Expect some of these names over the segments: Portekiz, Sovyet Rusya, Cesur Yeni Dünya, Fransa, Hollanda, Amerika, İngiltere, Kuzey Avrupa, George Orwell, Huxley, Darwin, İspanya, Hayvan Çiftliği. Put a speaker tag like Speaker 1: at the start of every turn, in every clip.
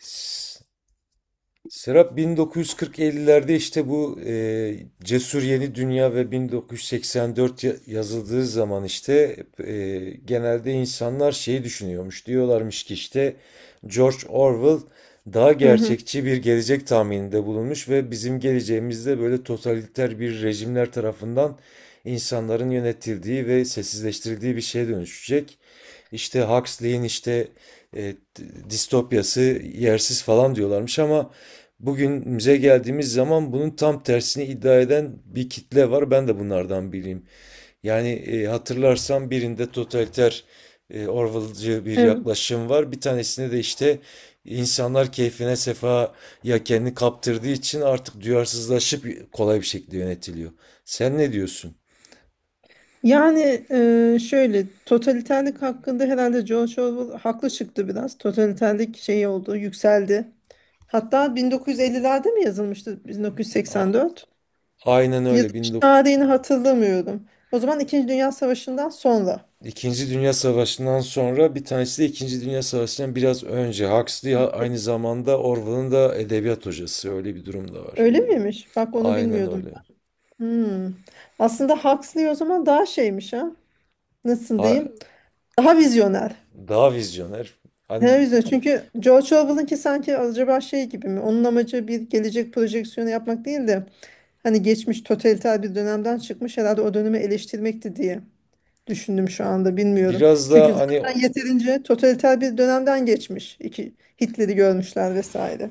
Speaker 1: S- Serap, 1940-50'lerde işte bu Cesur Yeni Dünya ve 1984 yazıldığı zaman işte e, genelde insanlar şeyi düşünüyormuş. Diyorlarmış ki işte George Orwell daha
Speaker 2: Hı hı.
Speaker 1: gerçekçi bir gelecek tahmininde bulunmuş ve bizim geleceğimizde böyle totaliter bir rejimler tarafından insanların yönetildiği ve sessizleştirildiği bir şeye dönüşecek. İşte Huxley'in işte e, distopyası yersiz falan diyorlarmış ama bugünümüze geldiğimiz zaman bunun tam tersini iddia eden bir kitle var. Ben de bunlardan biriyim. Yani hatırlarsan birinde totaliter, Orwell'cı bir
Speaker 2: Evet.
Speaker 1: yaklaşım var. Bir tanesinde de işte insanlar keyfine sefaya kendini kaptırdığı için artık duyarsızlaşıp kolay bir şekilde yönetiliyor. Sen ne diyorsun?
Speaker 2: Yani Şöyle totaliterlik hakkında herhalde George Orwell haklı çıktı biraz. Totaliterlik şey oldu, yükseldi. Hatta 1950'lerde mi yazılmıştı?
Speaker 1: A-
Speaker 2: 1984.
Speaker 1: Aynen öyle.
Speaker 2: Yazılış
Speaker 1: 19
Speaker 2: tarihini hatırlamıyorum. O zaman İkinci Dünya Savaşı'ndan sonra.
Speaker 1: İkinci Dünya Savaşı'ndan sonra bir tanesi de İkinci Dünya Savaşı'ndan biraz önce. Huxley aynı
Speaker 2: E,
Speaker 1: zamanda Orwell'ın da edebiyat hocası. Öyle bir durum da var.
Speaker 2: Öyle miymiş? Bak onu
Speaker 1: Aynen
Speaker 2: bilmiyordum.
Speaker 1: öyle.
Speaker 2: Hmm. Aslında Huxley o zaman daha şeymiş ha. Nasıl
Speaker 1: A-
Speaker 2: diyeyim? Daha vizyoner.
Speaker 1: Daha vizyoner. Hani
Speaker 2: Daha vizyoner. Çünkü George Orwell'ınki sanki acaba şey gibi mi? Onun amacı bir gelecek projeksiyonu yapmak değil de hani geçmiş totaliter bir dönemden çıkmış herhalde o dönemi eleştirmekti diye düşündüm şu anda bilmiyorum.
Speaker 1: biraz
Speaker 2: Çünkü
Speaker 1: da hani,
Speaker 2: zaten yeterince totaliter bir dönemden geçmiş. İki, Hitler'i görmüşler vesaire.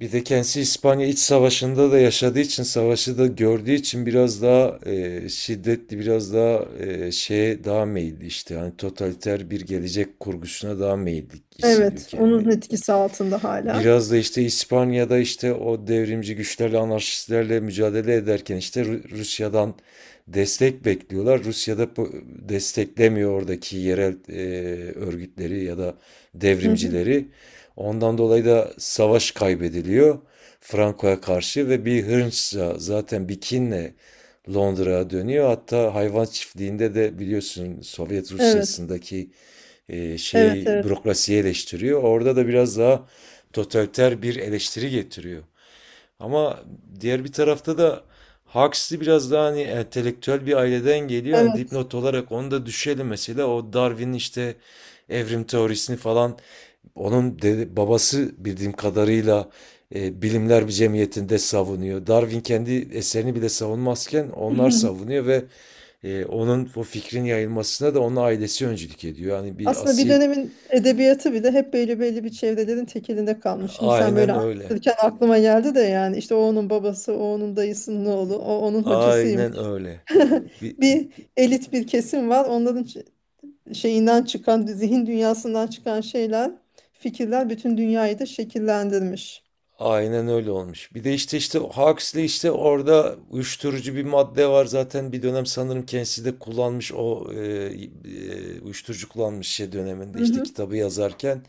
Speaker 1: bir de kendisi İspanya İç Savaşı'nda da yaşadığı için, savaşı da gördüğü için biraz daha şiddetli, biraz daha şeye daha meyilli işte. Hani totaliter bir gelecek kurgusuna daha meyilli hissediyor
Speaker 2: Evet, onun
Speaker 1: kendini.
Speaker 2: etkisi altında hala.
Speaker 1: Biraz da işte İspanya'da işte o devrimci güçlerle, anarşistlerle mücadele ederken işte Rusya'dan destek bekliyorlar. Rusya'da desteklemiyor oradaki yerel örgütleri ya da
Speaker 2: Hı hı.
Speaker 1: devrimcileri. Ondan dolayı da savaş kaybediliyor Franco'ya karşı ve bir hınçla zaten bir kinle Londra'ya dönüyor. Hatta hayvan çiftliğinde de biliyorsun Sovyet
Speaker 2: Evet,
Speaker 1: Rusya'sındaki
Speaker 2: evet,
Speaker 1: şeyi,
Speaker 2: evet,
Speaker 1: bürokrasiyi eleştiriyor. Orada da biraz daha totaliter bir eleştiri getiriyor. Ama diğer bir tarafta da Huxley biraz daha hani entelektüel bir aileden geliyor. Hani
Speaker 2: evet.
Speaker 1: dipnot olarak onu da düşelim mesela. O Darwin'in işte evrim teorisini falan, onun babası bildiğim kadarıyla Bilimler bir Cemiyeti'nde savunuyor. Darwin kendi eserini bile savunmazken onlar savunuyor ve onun o fikrin yayılmasına da onun ailesi öncülük ediyor. Yani bir
Speaker 2: Aslında bir
Speaker 1: asil
Speaker 2: dönemin edebiyatı bile hep belli bir çevrelerin tekelinde kalmış. Şimdi sen böyle
Speaker 1: aynen öyle.
Speaker 2: anlatırken aklıma geldi de yani işte o onun babası, o onun dayısının oğlu, o onun
Speaker 1: Aynen
Speaker 2: hocasıymış.
Speaker 1: öyle. Bir,
Speaker 2: Bir elit bir kesim var. Şeyinden çıkan, zihin dünyasından çıkan şeyler, fikirler bütün dünyayı da şekillendirmiş.
Speaker 1: Aynen öyle olmuş. Bir de işte Huxley işte orada uyuşturucu bir madde var, zaten bir dönem sanırım kendisi de kullanmış o uyuşturucu kullanmış şey döneminde
Speaker 2: Hı
Speaker 1: işte
Speaker 2: hı.
Speaker 1: kitabı yazarken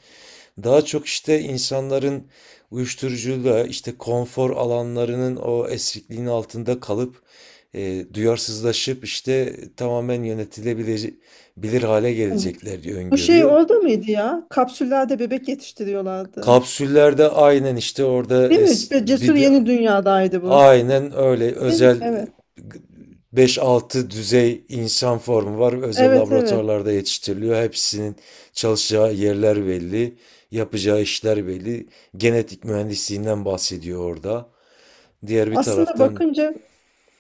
Speaker 1: daha çok işte insanların uyuşturucuyla işte konfor alanlarının o esrikliğin altında kalıp duyarsızlaşıp işte tamamen yönetilebilir bilir hale gelecekler diye
Speaker 2: Bu şey
Speaker 1: öngörüyor.
Speaker 2: oldu muydu ya? Kapsüllerde bebek yetiştiriyorlardı.
Speaker 1: Kapsüllerde aynen işte orada
Speaker 2: Evet ve
Speaker 1: bir
Speaker 2: Cesur
Speaker 1: de
Speaker 2: Yeni Dünya'daydı bu.
Speaker 1: aynen öyle.
Speaker 2: Değil mi?
Speaker 1: Özel
Speaker 2: Evet.
Speaker 1: beş altı düzey insan formu var. Özel
Speaker 2: Evet evet.
Speaker 1: laboratuvarlarda yetiştiriliyor. Hepsinin çalışacağı yerler belli. Yapacağı işler belli. Genetik mühendisliğinden bahsediyor orada. Diğer bir
Speaker 2: Aslında
Speaker 1: taraftan,
Speaker 2: bakınca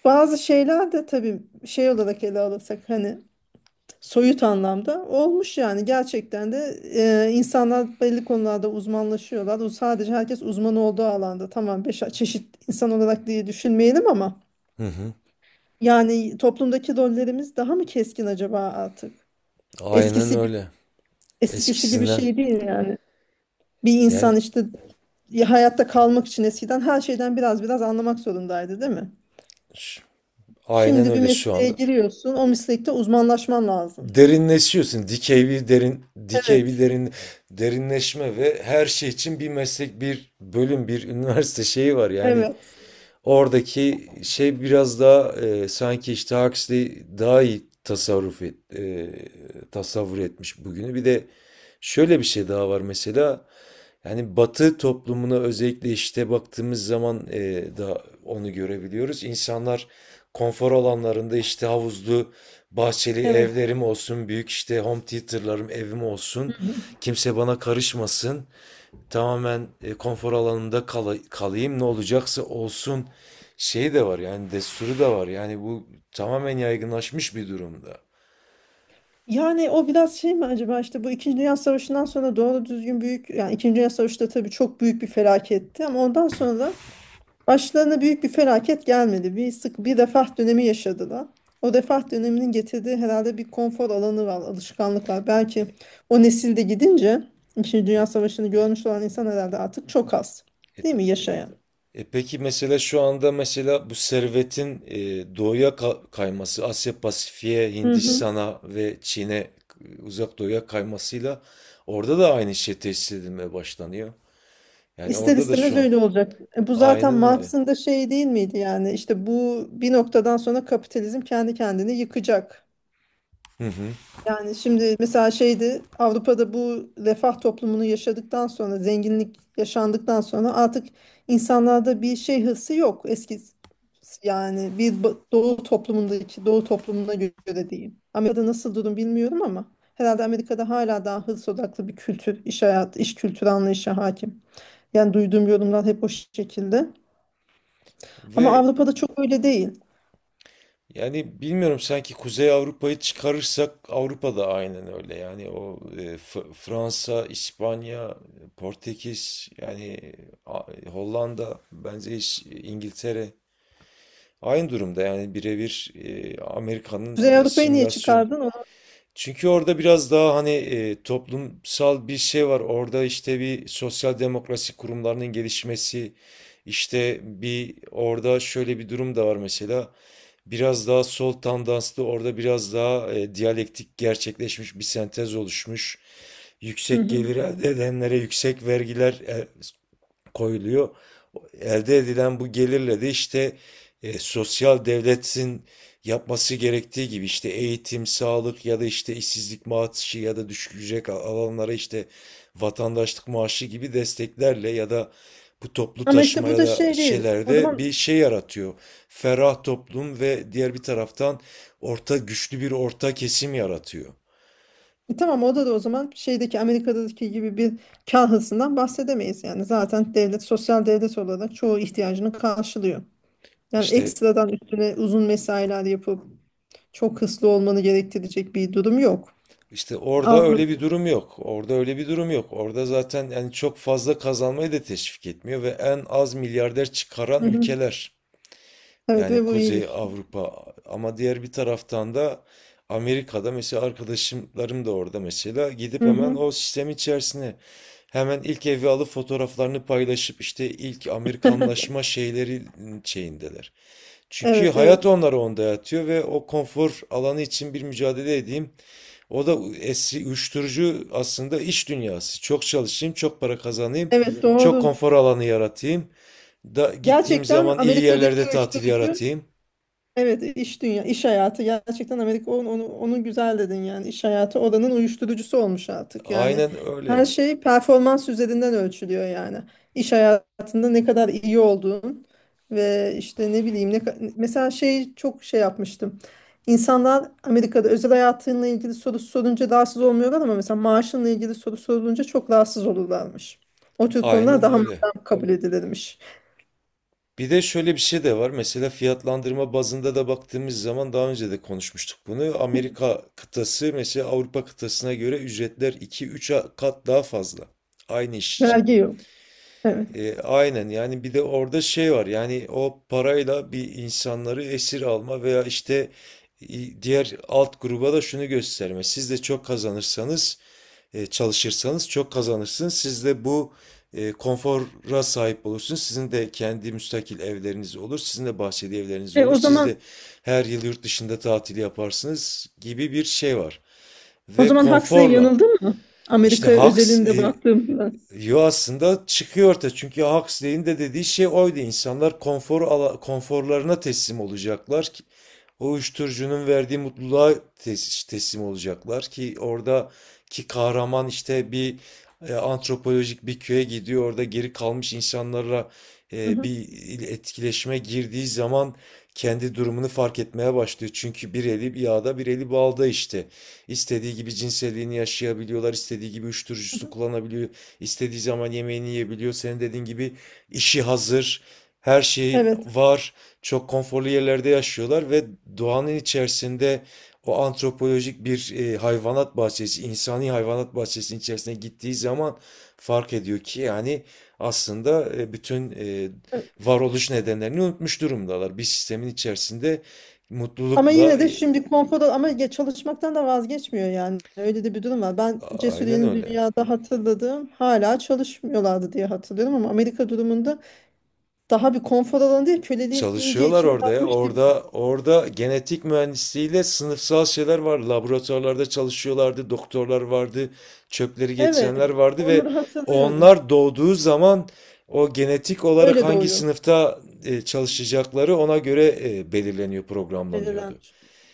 Speaker 2: bazı şeyler de tabii şey olarak ele alırsak hani soyut anlamda olmuş yani gerçekten de insanlar belli konularda uzmanlaşıyorlar. O sadece herkes uzman olduğu alanda tamam beş çeşit insan olarak diye düşünmeyelim ama
Speaker 1: hı hı,
Speaker 2: yani toplumdaki rollerimiz daha mı keskin acaba artık?
Speaker 1: aynen
Speaker 2: Eskisi gibi
Speaker 1: öyle.
Speaker 2: eskisi gibi
Speaker 1: Eskisinden
Speaker 2: şey değil yani. Bir
Speaker 1: yani,
Speaker 2: insan işte ya hayatta kalmak için eskiden her şeyden biraz anlamak zorundaydı, değil mi?
Speaker 1: ş- aynen
Speaker 2: Şimdi bir
Speaker 1: öyle şu
Speaker 2: mesleğe
Speaker 1: anda.
Speaker 2: giriyorsun, o meslekte uzmanlaşman lazım.
Speaker 1: Derinleşiyorsun. Dikey bir derin, dikey bir
Speaker 2: Evet,
Speaker 1: derin, derinleşme ve her şey için bir meslek, bir bölüm, bir üniversite şeyi var. Yani
Speaker 2: evet,
Speaker 1: oradaki şey biraz daha sanki işte Huxley daha iyi tasavvur etmiş bugünü. Bir de şöyle bir şey daha var mesela. Yani Batı toplumuna özellikle işte baktığımız zaman da onu görebiliyoruz. İnsanlar konfor alanlarında işte havuzlu, bahçeli
Speaker 2: evet.
Speaker 1: evlerim olsun, büyük işte home theater'larım, evim olsun.
Speaker 2: Hı hı.
Speaker 1: Kimse bana karışmasın, tamamen konfor alanında kalayım, ne olacaksa olsun şey de var yani, desturu da var yani, bu tamamen yaygınlaşmış bir durumda.
Speaker 2: Yani o biraz şey mi acaba işte bu İkinci Dünya Savaşı'ndan sonra doğru düzgün büyük yani İkinci Dünya Savaşı da tabii çok büyük bir felaketti ama ondan sonra başlarına büyük bir felaket gelmedi. Bir sık bir refah dönemi yaşadılar. O refah döneminin getirdiği herhalde bir konfor alanı var, alışkanlık var. Belki o nesilde gidince İkinci Dünya
Speaker 1: E,
Speaker 2: Savaşı'nı görmüş olan insan herhalde artık çok az.
Speaker 1: e,
Speaker 2: Değil
Speaker 1: ta-
Speaker 2: mi
Speaker 1: e,
Speaker 2: yaşayan?
Speaker 1: peki mesela şu anda mesela bu servetin doğuya kayması Asya Pasifik'e,
Speaker 2: Hı hı.
Speaker 1: Hindistan'a ve Çin'e, uzak doğuya kaymasıyla orada da aynı şey tesis edilmeye başlanıyor. Yani
Speaker 2: İster
Speaker 1: orada da
Speaker 2: istemez
Speaker 1: şu an
Speaker 2: öyle olacak. E, bu zaten
Speaker 1: aynen öyle.
Speaker 2: Marx'ın da şey değil miydi yani işte bu bir noktadan sonra kapitalizm kendi kendini yıkacak.
Speaker 1: Hı hı.
Speaker 2: Yani şimdi mesela şeydi Avrupa'da bu refah toplumunu yaşadıktan sonra zenginlik yaşandıktan sonra artık insanlarda bir şey hırsı yok eski yani doğu toplumundaki doğu toplumuna göre diyeyim. Amerika'da nasıl durum bilmiyorum ama herhalde Amerika'da hala daha hırs odaklı bir kültür, iş hayatı, iş kültürü anlayışı hakim. Yani duyduğum yorumlar hep o şekilde.
Speaker 1: Ve
Speaker 2: Ama Avrupa'da çok öyle değil.
Speaker 1: Yani bilmiyorum, sanki Kuzey Avrupa'yı çıkarırsak Avrupa da aynen öyle. Yani o, Fransa, İspanya, Portekiz, yani Hollanda, bence hiç İngiltere aynı durumda. Yani birebir Amerika'nın
Speaker 2: Kuzey Avrupa'yı niye
Speaker 1: simülasyon.
Speaker 2: çıkardın? Onu...
Speaker 1: Çünkü orada biraz daha hani toplumsal bir şey var. Orada işte bir sosyal demokrasi kurumlarının gelişmesi, işte bir orada şöyle bir durum da var mesela. Biraz daha sol tandanslı, orada biraz daha diyalektik gerçekleşmiş bir sentez oluşmuş.
Speaker 2: Hı
Speaker 1: Yüksek
Speaker 2: hı.
Speaker 1: gelir elde edenlere yüksek vergiler, koyuluyor. Elde edilen bu gelirle de işte sosyal devletin yapması gerektiği gibi işte eğitim, sağlık ya da işte işsizlik maaşı ya da düşük ücret alanlara işte vatandaşlık maaşı gibi desteklerle ya da bu toplu
Speaker 2: Ama işte
Speaker 1: taşıma
Speaker 2: bu
Speaker 1: ya
Speaker 2: da
Speaker 1: da
Speaker 2: şey değil.
Speaker 1: şeylerde bir şey yaratıyor. Ferah toplum ve diğer bir taraftan orta güçlü bir orta kesim yaratıyor.
Speaker 2: Tamam o da o zaman şeydeki Amerika'daki gibi bir kar hırsından bahsedemeyiz. Yani zaten devlet sosyal devlet olarak çoğu ihtiyacını karşılıyor. Yani
Speaker 1: İşte
Speaker 2: ekstradan üstüne uzun mesailer yapıp çok hırslı olmanı gerektirecek bir durum yok.
Speaker 1: İşte orada öyle bir
Speaker 2: Avru-
Speaker 1: durum yok. Orada öyle bir durum yok. Orada zaten yani çok fazla kazanmayı da teşvik etmiyor ve en az milyarder çıkaran
Speaker 2: Hı hı.
Speaker 1: ülkeler.
Speaker 2: Evet
Speaker 1: Yani
Speaker 2: ve bu iyi bir
Speaker 1: Kuzey
Speaker 2: şey.
Speaker 1: Avrupa. Ama diğer bir taraftan da Amerika'da mesela arkadaşlarım da orada mesela gidip
Speaker 2: Hı
Speaker 1: hemen
Speaker 2: hı.
Speaker 1: o sistem içerisine hemen ilk evi alıp fotoğraflarını paylaşıp işte ilk Amerikanlaşma şeyleri şeyindeler. Çünkü
Speaker 2: Evet evet.
Speaker 1: hayat onları onda yatıyor ve o konfor alanı için bir mücadele edeyim. O da eski uyuşturucu aslında iş dünyası. Çok çalışayım, çok para kazanayım,
Speaker 2: Evet
Speaker 1: çok
Speaker 2: doğru.
Speaker 1: konfor alanı yaratayım. Da gittiğim
Speaker 2: Gerçekten
Speaker 1: zaman iyi yerlerde
Speaker 2: Amerika'daki
Speaker 1: tatil
Speaker 2: uyuşturucu
Speaker 1: yaratayım.
Speaker 2: evet iş hayatı gerçekten Amerika onu güzel dedin yani iş hayatı oranın uyuşturucusu olmuş artık yani
Speaker 1: Aynen
Speaker 2: her
Speaker 1: öyle.
Speaker 2: şey performans üzerinden ölçülüyor yani iş hayatında ne kadar iyi olduğun ve işte ne bileyim mesela şey çok şey yapmıştım. İnsanlar Amerika'da özel hayatınla ilgili soru sorunca rahatsız olmuyorlar ama mesela maaşınla ilgili soru sorulunca çok rahatsız olurlarmış, o tür konular
Speaker 1: Aynen
Speaker 2: daha
Speaker 1: öyle.
Speaker 2: maddem kabul edilirmiş.
Speaker 1: Bir de şöyle bir şey de var. Mesela fiyatlandırma bazında da baktığımız zaman daha önce de konuşmuştuk bunu. Amerika kıtası mesela Avrupa kıtasına göre ücretler iki üç kat daha fazla. Aynı iş için.
Speaker 2: Vergi yok, evet.
Speaker 1: Aynen yani, bir de orada şey var yani, o parayla bir insanları esir alma veya işte diğer alt gruba da şunu gösterme. Siz de çok kazanırsanız, çalışırsanız çok kazanırsınız. Siz de bu konfora sahip olursunuz. Sizin de kendi müstakil evleriniz olur. Sizin de bahçeli evleriniz
Speaker 2: E,
Speaker 1: olur.
Speaker 2: o
Speaker 1: Siz
Speaker 2: zaman
Speaker 1: de her yıl yurt dışında tatil yaparsınız gibi bir şey var.
Speaker 2: O
Speaker 1: Ve
Speaker 2: zaman Huxley
Speaker 1: konforla
Speaker 2: yanıldı mı?
Speaker 1: işte
Speaker 2: Amerika özelinde baktığımda.
Speaker 1: yo, aslında çıkıyor ortaya çünkü Huxley'in de dediği şey oydu. İnsanlar konforlarına teslim olacaklar, o uyuşturucunun verdiği mutluluğa teslim olacaklar ki oradaki kahraman işte bir antropolojik bir köye gidiyor, orada geri kalmış insanlarla
Speaker 2: Hı hı,
Speaker 1: bir etkileşime girdiği zaman kendi durumunu fark etmeye başlıyor. Çünkü bir eli yağda bir eli balda işte. İstediği gibi cinselliğini yaşayabiliyorlar, istediği gibi
Speaker 2: hı
Speaker 1: uyuşturucusunu
Speaker 2: hı.
Speaker 1: kullanabiliyor, istediği zaman yemeğini yiyebiliyor. Senin dediğin gibi işi hazır, her şey
Speaker 2: Evet.
Speaker 1: var. Çok konforlu yerlerde yaşıyorlar ve doğanın içerisinde o antropolojik bir hayvanat bahçesi, insani hayvanat bahçesinin içerisine gittiği zaman fark ediyor ki yani aslında bütün
Speaker 2: Evet.
Speaker 1: varoluş nedenlerini unutmuş durumdalar. Bir sistemin içerisinde
Speaker 2: Ama yine
Speaker 1: mutlulukla,
Speaker 2: de şimdi konfoda ama ya çalışmaktan da vazgeçmiyor yani. Öyle de bir durum var. Ben Cesur
Speaker 1: aynen öyle.
Speaker 2: Dünya'da hatırladığım hala çalışmıyorlardı diye hatırlıyorum ama Amerika durumunda daha bir konfor alanı değil köleliğin iyice
Speaker 1: Çalışıyorlar
Speaker 2: içine
Speaker 1: orada ya.
Speaker 2: batmış gibi.
Speaker 1: Orada genetik mühendisliğiyle sınıfsal şeyler var. Laboratuvarlarda çalışıyorlardı, doktorlar vardı, çöpleri getirenler
Speaker 2: Evet.
Speaker 1: vardı ve
Speaker 2: Onları hatırlıyorum.
Speaker 1: onlar doğduğu zaman o genetik olarak
Speaker 2: Öyle
Speaker 1: hangi
Speaker 2: doğuyor.
Speaker 1: sınıfta çalışacakları ona göre belirleniyor,
Speaker 2: Edilen.
Speaker 1: programlanıyordu.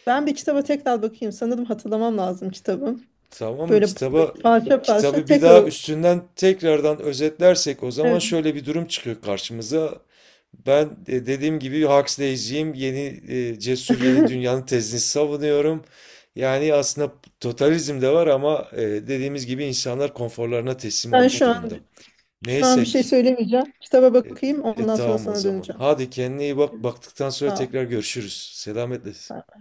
Speaker 2: Ben bir kitaba tekrar bakayım. Sanırım hatırlamam lazım kitabı.
Speaker 1: Tamam mı?
Speaker 2: Böyle, böyle parça parça
Speaker 1: Kitabı bir daha
Speaker 2: tekrar
Speaker 1: üstünden tekrardan özetlersek o zaman
Speaker 2: evet.
Speaker 1: şöyle bir durum çıkıyor karşımıza. Ben dediğim gibi Huxley'ciyim. Cesur Yeni Dünyanın tezini savunuyorum. Yani aslında totalizm de var ama dediğimiz gibi insanlar konforlarına teslim
Speaker 2: Ben
Speaker 1: olmuş durumda.
Speaker 2: şu an bir
Speaker 1: Neyse
Speaker 2: şey
Speaker 1: ki.
Speaker 2: söylemeyeceğim. Kitaba
Speaker 1: E,
Speaker 2: bakayım, ondan sonra
Speaker 1: tamam o
Speaker 2: sana
Speaker 1: zaman.
Speaker 2: döneceğim.
Speaker 1: Hadi kendine iyi bak. Baktıktan sonra
Speaker 2: Sağ
Speaker 1: tekrar görüşürüz. Selametle.
Speaker 2: ol.